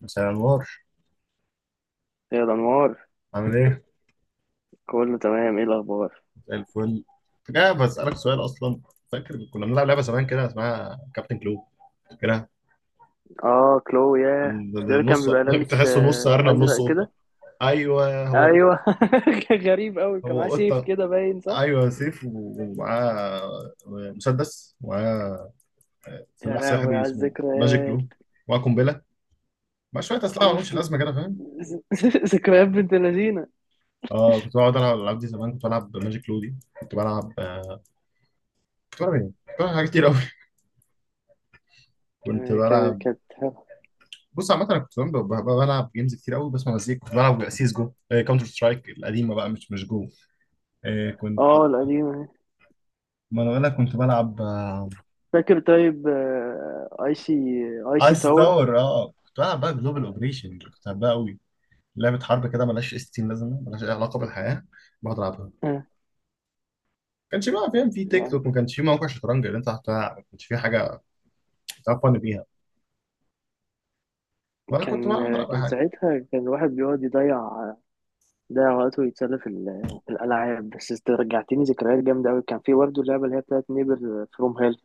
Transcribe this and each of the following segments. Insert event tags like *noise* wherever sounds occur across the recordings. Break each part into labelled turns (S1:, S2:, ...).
S1: مساء النور.
S2: يا الأنوار،
S1: عامل ايه؟
S2: كله تمام. ايه الأخبار؟
S1: زي الفل. كنت جاي بسألك سؤال اصلا. فاكر كنا بنلعب لعبة زمان كده اسمها كابتن كلو كده.
S2: اه، كلو. ياه، مش ده اللي
S1: نص
S2: كان بيبقى
S1: *laughs*
S2: لابس
S1: تحسه نص ارنب نص
S2: أزرق
S1: قطة.
S2: كده؟
S1: ايوه هو قطة.
S2: أيوه. *laughs* كان غريب أوي، كان معاه
S1: هو
S2: سيف
S1: قطة.
S2: كده باين، صح؟
S1: ايوه سيف ومعاه مسدس، ومعاه
S2: يا
S1: سلاح
S2: لهوي
S1: سحري
S2: على
S1: اسمه ماجيك
S2: الذكريات!
S1: كلو، ومعاه قنبلة، مع شوية أسلحة مالهمش
S2: أوف.
S1: لازمة كده، فاهم؟
S2: ذ- *laughs* ذكريات بنت اللذينة.
S1: اه كنت بقعد ألعب الألعاب دي زمان، كنت بلعب ماجيك كلو دي. كنت بلعب، كنت بلعب ايه؟ كنت بلعب حاجات كتير أوي. كنت بلعب.
S2: كانت حلوة.
S1: بص عامة أنا كنت بلعب، بلعب جيمز كتير قوي، بسمع مزيكا. كنت بلعب سيس جو، كاونتر سترايك القديمة بقى، مش جو. آه، كنت
S2: اه، القديمة.
S1: ما أنا بقول لك كنت بلعب.
S2: فاكر؟ طيب، اي سي
S1: ايس
S2: تاور.
S1: تاور. اه كنت بلعب بقى جلوبال اوبريشن، كنت بحبها قوي. لعبة حرب كده ملهاش اس 60 لازمة، ملهاش أي علاقة بالحياة. بقعد ألعبها. ما
S2: آه،
S1: كانش بقى، فاهم، في تيك توك، ما كانش في موقع شطرنج اللي أنت هتلعب، ما كانش في حاجة تعرف فن بيها، ولا كنت
S2: كان
S1: بلعب، ألعب أي
S2: كان
S1: حاجة.
S2: ساعتها كان الواحد بيقعد يضيع ده وقته يتسلى في الألعاب. بس رجعتني ذكريات جامدة أوي. كان في برضه اللعبة اللي هي بتاعت نيبر فروم هيل،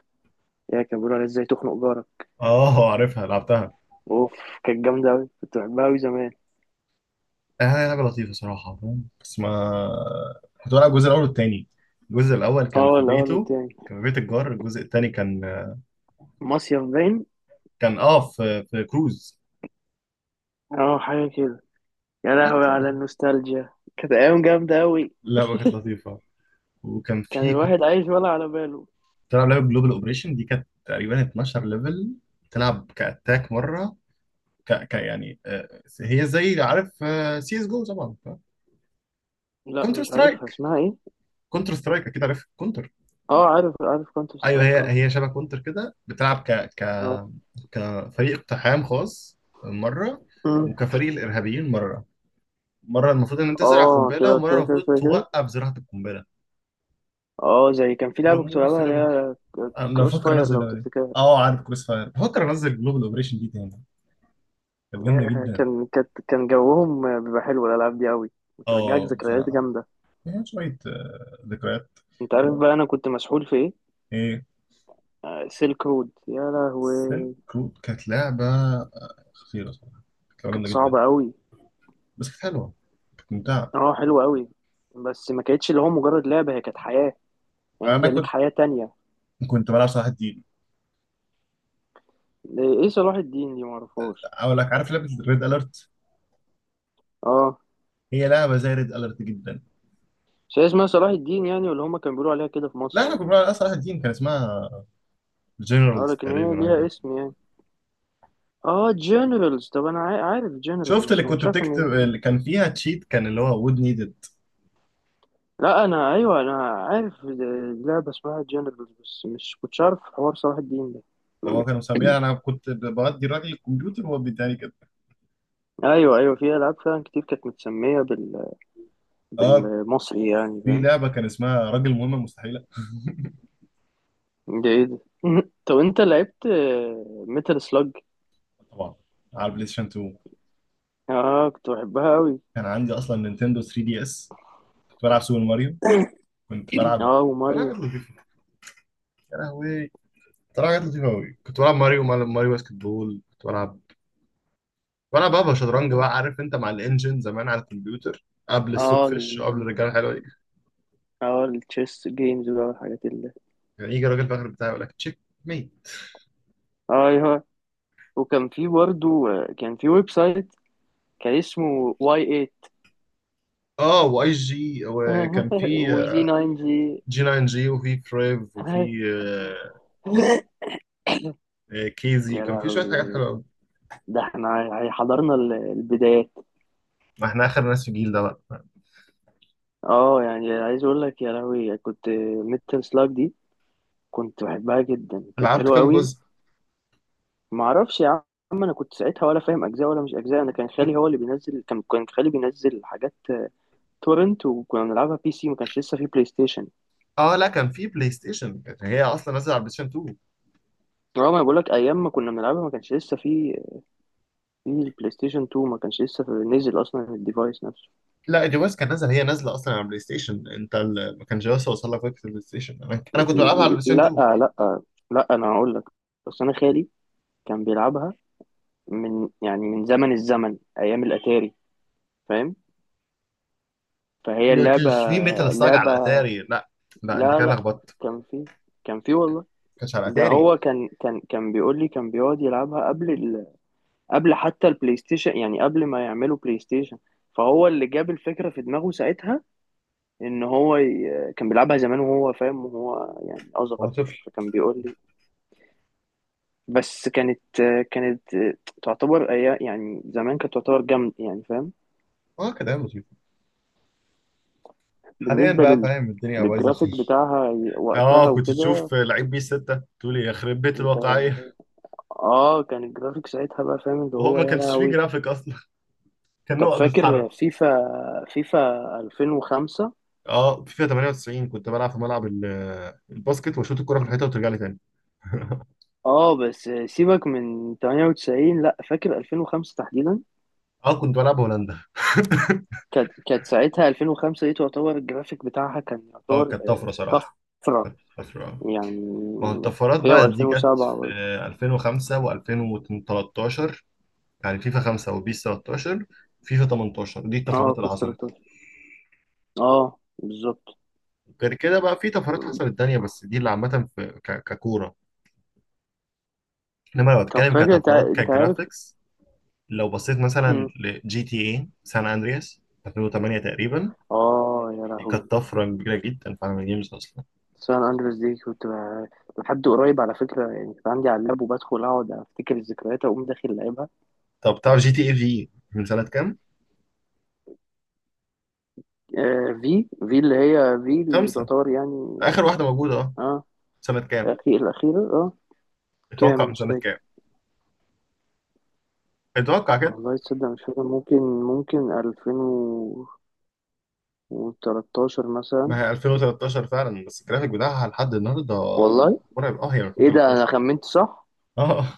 S2: هي كان بيقولوا عليها ازاي تخنق جارك.
S1: اه عارفها، لعبتها.
S2: أوف، كانت جامدة أوي، كنت بحبها أوي زمان.
S1: حاجة لطيفة صراحة فاهم، بس ما كنت بلعب الجزء الاول والتاني. الجزء الاول كان
S2: اه،
S1: في
S2: الأول
S1: بيته،
S2: والتاني.
S1: كان في بيت الجار. الجزء التاني كان
S2: مصيف باين.
S1: كان في كروز.
S2: اه، حاجة كده. يا
S1: لا،
S2: لهوي
S1: كانت لعبة
S2: على
S1: لطيفة.
S2: النوستالجيا! كانت أيام جامدة أوي.
S1: اللعبة كانت لطيفة. وكان
S2: كان
S1: في كنت
S2: الواحد عايش ولا على باله.
S1: بلعب لعبة جلوبال اوبريشن دي، كانت تقريبا 12 ليفل. تلعب كاتاك مرة. يعني هي زي، عارف، سي اس جو طبعا.
S2: لا،
S1: كونتر
S2: مش عارفها
S1: سترايك.
S2: اسمها ايه.
S1: كونتر سترايك اكيد عارف.
S2: اه، عارف كونتر
S1: ايوه
S2: سترايك،
S1: هي
S2: اه.
S1: هي شبه كونتر كده. بتلعب ك ك
S2: اه.
S1: كفريق اقتحام خاص مره،
S2: مم.
S1: وكفريق الارهابيين مره. مره المفروض ان انت تزرع
S2: اه،
S1: قنبله،
S2: تلعب
S1: ومره
S2: شوية كده،
S1: المفروض
S2: شوية كده.
S1: توقف زراعه القنبله.
S2: اه، زي كان في لعبة كنت
S1: بموت في
S2: بلعبها اللي
S1: اللعبه دي.
S2: هي
S1: انا
S2: كروس
S1: بفكر
S2: فاير،
S1: انزل
S2: لو
S1: اللعبه دي.
S2: تفتكر.
S1: اه عارف كروس فاير، بفكر انزل جلوبال اوبريشن دي تاني. كانت جامده
S2: يعني
S1: جدا.
S2: كان جوهم بيبقى حلو، الالعاب دي قوي، بترجعك
S1: اه
S2: ذكريات
S1: بصراحه
S2: جامده.
S1: فيها شويه ذكريات.
S2: انت عارف بقى انا كنت مسحول في ايه؟
S1: ايه
S2: سيلك رود! يا
S1: سيلك
S2: لهوي!
S1: رود. كانت لعبه خطيره صراحه. كانت لعبه
S2: كانت
S1: جامده جدا.
S2: صعبه قوي.
S1: بس كانت حلوه، كانت ممتعه.
S2: اه، حلوه قوي. بس ما كانتش اللي هو مجرد لعبه، هي كانت حياه. يعني انت
S1: انا
S2: ليك
S1: كنت،
S2: حياه تانية.
S1: كنت بلعب صراحه.
S2: ايه، صلاح الدين دي؟ معرفهاش.
S1: اقول لك، عارف لعبه ريد اليرت؟
S2: اه.
S1: هي لعبه زي ريد اليرت جدا.
S2: مش هي اسمها صلاح الدين يعني، ولا هما كانوا بيقولوا عليها كده في
S1: لا،
S2: مصر،
S1: احنا
S2: ولا
S1: كنا بنلعب
S2: ايه؟
S1: اصلا واحد تيم، كان اسمها
S2: اه،
S1: جنرالز
S2: لكن هي
S1: تقريبا، حاجة
S2: ليها
S1: كده.
S2: اسم يعني. اه، جنرالز. طب انا عارف جنرالز
S1: شفت اللي
S2: بس
S1: كنت
S2: مش عارف ان...
S1: بتكتب اللي كان فيها تشيت، كان اللي هو وود نيدد.
S2: لا انا، ايوه انا عارف لعبه اسمها جنرالز بس مش كنتش عارف حوار صلاح الدين ده.
S1: وهو كان مسميها، انا كنت بودي الراجل الكمبيوتر وهو بيداني كده.
S2: ايوه، ايوه، في العاب فعلا كتير كانت متسميه
S1: اه
S2: بالمصري يعني،
S1: في
S2: فاهم؟
S1: لعبه كان اسمها راجل مهمه مستحيله. *laughs*
S2: ده ايه ده؟ *laughs* طب انت لعبت ميتال سلاج؟
S1: طبعا. على البلاي ستيشن 2
S2: اه، كنت بحبها قوي.
S1: كان عندي اصلا نينتندو 3 دي اس. كنت بلعب سوبر ماريو.
S2: *coughs*
S1: كنت
S2: *clears throat*
S1: بلعب،
S2: اه،
S1: بلعب
S2: وماريو.
S1: حاجات لطيفه. يا لهوي. كنت بلعب حاجات لطيفه قوي، كنت بلعب ماريو، ماريو باسكت بول. كنت بلعب، وانا بابا شطرنج بقى، عارف انت، مع الانجن زمان على الكمبيوتر، قبل السوق
S2: اه،
S1: فيش وقبل الرجاله الحلوه دي.
S2: اه، التشيس جيمز بقى والحاجات اللي...
S1: يعني يجي راجل فاخر بتاعي يقول لك تشيك ميت.
S2: اه، ايوه. وكان في برضو، كان في ويب سايت كان اسمه واي
S1: اه واي جي، وكان
S2: 8. *laughs*
S1: في
S2: وجي 9 جي.
S1: جي 9 جي، وفي بريف، وفي
S2: *laughs*
S1: كيزي،
S2: يا
S1: كان في شويه حاجات
S2: لهوي!
S1: حلوه قوي.
S2: ده احنا حضرنا البدايات.
S1: ما احنا اخر ناس في الجيل ده بقى.
S2: اه، يعني عايز اقول لك، يا لهوي! كنت... ميتال سلاج دي كنت بحبها جدا، كانت
S1: لعبت
S2: حلوه
S1: كام
S2: قوي.
S1: جزء؟
S2: ما اعرفش يا عم. انا كنت ساعتها ولا فاهم اجزاء ولا مش اجزاء. انا كان خالي
S1: كنت.
S2: هو اللي بينزل. كان خالي بينزل حاجات تورنت، وكنا بنلعبها بي سي، ما كانش لسه في بلاي ستيشن.
S1: اه لا، كان في بلاي ستيشن، كانت هي اصلا نازله على بلاي ستيشن 2.
S2: اه، ما أنا بقول لك، ايام ما كنا بنلعبها ما كانش لسه في البلاي ستيشن 2، ما كانش لسه نزل اصلا الديفايس نفسه.
S1: لا، دي بس كان نازل، هي نازله اصلا على بلاي ستيشن. انت ما كانش لسه وصل لك فكره البلاي ستيشن، انا كنت بلعبها على بلاي ستيشن
S2: لا،
S1: 2.
S2: لا، لا انا هقول لك. بس انا خالي كان بيلعبها من يعني من زمن الزمن، ايام الاتاري، فاهم؟ فهي
S1: ما
S2: اللعبه
S1: كانش فيه ميتال سلاج
S2: اللعبه
S1: على اتاري. لا لا، انت
S2: لا،
S1: كده
S2: لا،
S1: لخبطت. ما
S2: كان في، والله.
S1: كانش على
S2: ده
S1: اتاري.
S2: هو كان بيقول لي كان بيقعد يلعبها قبل قبل حتى البلاي ستيشن، يعني قبل ما يعملوا بلاي ستيشن. فهو اللي جاب الفكره في دماغه ساعتها، ان هو كان بيلعبها زمان وهو فاهم، وهو يعني
S1: هو
S2: اصغر.
S1: طفل.
S2: فكان بيقول لي. بس كانت، كانت تعتبر ايام، يعني زمان كانت تعتبر جامد، يعني فاهم.
S1: اه كده ايام لطيفه. حاليا
S2: بالنسبة
S1: بقى، فاهم، الدنيا بايظه
S2: للجرافيك
S1: خالص.
S2: بتاعها وقتها
S1: اه كنت
S2: وكده.
S1: تشوف لعيب بي 6 تقول يا خرب بيت
S2: انت،
S1: الواقعيه.
S2: اه، كان الجرافيك ساعتها بقى فاهم اللي
S1: وهو
S2: هو
S1: ما
S2: يا
S1: كانش فيه
S2: لهوي.
S1: جرافيك اصلا، كان
S2: طب
S1: نقط بتتحرك.
S2: فاكر فيفا، 2005.
S1: اه فيفا 98، كنت بلعب في ملعب الباسكت واشوط الكره في الحيطه وترجع لي تاني. *laughs*
S2: اه بس سيبك من 98، لا، فاكر 2005 تحديدا.
S1: اه كنت بلعب هولندا.
S2: كانت ساعتها 2005 دي تعتبر الجرافيك بتاعها كان
S1: اه
S2: يعتبر
S1: كانت طفره صراحه،
S2: طفرة
S1: كانت طفره.
S2: يعني.
S1: ما هو الطفرات
S2: هي
S1: بقى دي
S2: و2007
S1: جت في
S2: برضه.
S1: 2005 و2013، يعني فيفا 5 وبيس 13، فيفا 18. دي
S2: اه،
S1: الطفرات اللي
S2: بيس
S1: حصلت.
S2: 13. اه، بالظبط.
S1: غير كده بقى في طفرات حصلت تانية، بس دي اللي عامة في ككورة. انما لو
S2: طب
S1: اتكلم
S2: فاكر انت،
S1: كطفرات،
S2: عارف.
S1: كجرافيكس، لو بصيت مثلا لجي تي اي سان اندرياس 2008 تقريبا،
S2: اه، يا
S1: دي
S2: لهوي.
S1: كانت طفرة كبيرة جدا في عالم الجيمز اصلا.
S2: سان اندرس دي كنت لحد قريب على فكره، يعني كنت عندي على اللاب وبدخل اقعد افتكر الذكريات اقوم داخل لعبها.
S1: طب تعرف جي تي اي في من سنة كام؟
S2: في اللي هي، في اللي
S1: خمسة،
S2: تعتبر يعني...
S1: اخر واحدة موجودة. اه
S2: اه،
S1: سنة كام؟
S2: الاخير الاخيره، اه. كام؟
S1: اتوقع من
S2: مش
S1: سنة كام؟
S2: فاكر.
S1: اتوقع كده.
S2: والله تصدق مش فاكر. ممكن، 2013 مثلا.
S1: ما هي 2013 فعلا، بس الجرافيك بتاعها لحد النهارده
S2: والله
S1: مرعب. اه هي
S2: ايه ده! انا
S1: 2013.
S2: خمنت صح.
S1: اه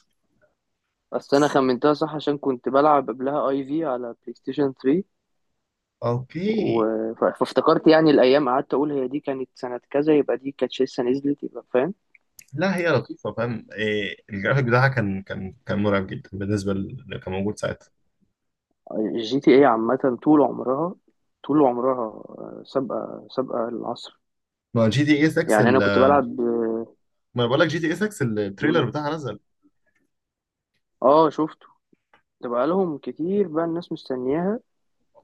S2: بس انا خمنتها صح عشان كنت بلعب قبلها اي في على بلاي ستيشن 3. و...
S1: اوكي.
S2: فافتكرت يعني الايام. قعدت اقول هي دي كانت سنه كذا، يبقى دي كانت لسه نزلت، يبقى فاهم.
S1: لا هي لطيفه، فاهم إيه، الجرافيك بتاعها كان مرعب جدا بالنسبه اللي كان موجود ساعتها.
S2: الجي تي اي عامه طول عمرها، طول عمرها سابقه العصر.
S1: ما جي تي اي 6
S2: يعني انا كنت بلعب، اه.
S1: ما أنا بقول لك جي تي اي 6 التريلر بتاعها نزل.
S2: شفته. كنت بقالهم كتير بقى الناس مستنياها.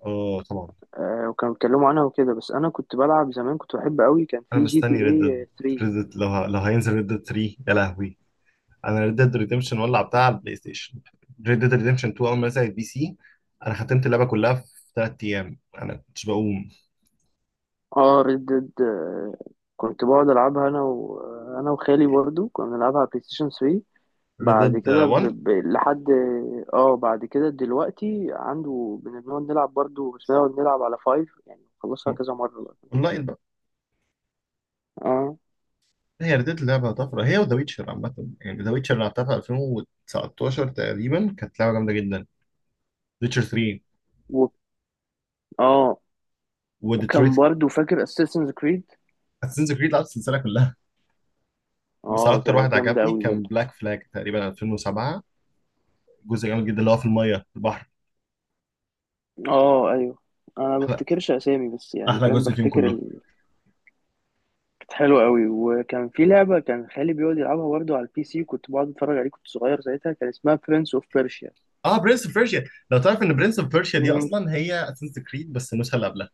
S1: اه طبعا.
S2: وكانوا بيتكلموا عنها وكده، بس انا كنت بلعب زمان كنت بحب قوي، كان
S1: انا
S2: في جي تي
S1: مستني ريد
S2: اي
S1: ديد.
S2: 3.
S1: ريد ديد لو لو هينزل ريد ديد 3 يا لهوي. انا ريد ديد ريديمشن ولع بتاع على البلاي ستيشن. ريد ديد ريديمشن 2 اول ما نزل على البي سي، انا ختمت اللعبه كلها في 3 ايام. انا كنتش بقوم.
S2: اه، ريد ديد كنت بقعد العبها انا وخالي برضو، كنا بنلعبها على بلاي ستيشن 3.
S1: ريد
S2: بعد
S1: ديد
S2: كده
S1: 1
S2: لحد... اه، بعد كده دلوقتي عنده بنقعد نلعب برضه، بس بنقعد نلعب على فايف، يعني خلصها كذا مرة بقى.
S1: اونلاين.
S2: اه،
S1: هي ردت اللعبة طفرة، هي وذا ويتشر عامة. يعني ذا ويتشر لعبتها في 2019 تقريبا، كانت لعبة جامدة جدا. ويتشر 3.
S2: و... اه،
S1: وديترويت.
S2: وكان برضه فاكر اساسنز كريد.
S1: اساسنز كريد، لعبت السلسلة كلها. بس
S2: اه،
S1: أكتر
S2: ده
S1: واحد
S2: جامدة
S1: عجبني
S2: قوي
S1: كان
S2: برضه.
S1: بلاك فلاج، تقريبا 2007. جزء جامد جدا اللي هو في المية في البحر.
S2: اه، ايوه. انا ما
S1: أحلى
S2: بفتكرش اسامي بس يعني فاهم
S1: جزء فيهم
S2: بفتكر
S1: كله.
S2: ال... كانت حلوه قوي، وكان في لعبه كان خالي بيقعد يلعبها برضه على البي سي وكنت بقعد اتفرج عليه، كنت صغير ساعتها. كان اسمها برنس اوف بيرشيا.
S1: اه برنس اوف بيرشيا. لو تعرف ان برنس اوف بيرشيا دي
S2: مم.
S1: اصلا هي اساسنز كريد، بس النسخه اللي قبلها.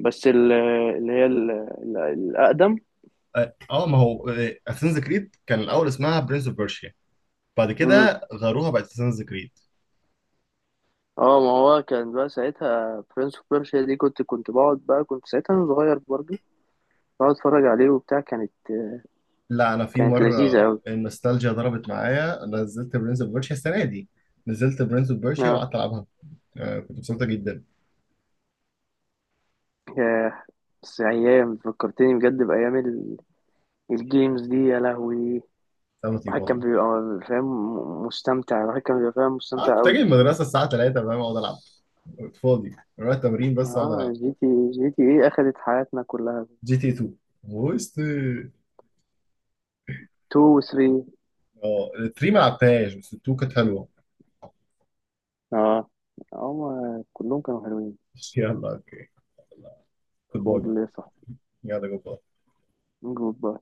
S2: بس اللي هي الاقدم.
S1: اه ما هو اساسنز كريد كان الاول اسمها برنس اوف بيرشيا، بعد كده غيروها بقت اساسنز كريد.
S2: اه، ما هو كان بقى ساعتها برنس اوف بيرشيا دي كنت بقعد بقى كنت ساعتها انا صغير برضو. بقعد اتفرج عليه وبتاع. كانت،
S1: لا، انا في
S2: لذيذة
S1: مره
S2: أوي.
S1: النوستالجيا ضربت معايا نزلت برنس اوف بيرشيا السنه دي، نزلت برنس اوف بيرشيا
S2: آه،
S1: وقعدت العبها. آه كنت مبسوطه جدا.
S2: ياه! بس أيام فكرتني بجد بأيام الجيمز دي، يا لهوي.
S1: كان لطيف
S2: الواحد كان
S1: والله.
S2: بيبقى فاهم مستمتع. الواحد كان بيبقى فاهم
S1: اه
S2: مستمتع
S1: كنت
S2: أوي.
S1: اجي من المدرسه الساعه 3 فاهم اقعد العب. كنت فاضي، اروح التمرين بس اقعد
S2: اه،
S1: العب.
S2: جي تي ايه أخدت حياتنا كلها.
S1: جي تي 2 وست.
S2: 2 و 3.
S1: اه 3 ما لعبتهاش، بس 2 كانت حلوه.
S2: اه، هما كلهم كانوا حلوين.
S1: يلا اوكي. يلا. جود باي
S2: فور
S1: بقى.
S2: ليه، صح؟
S1: يلا جود باي.
S2: جود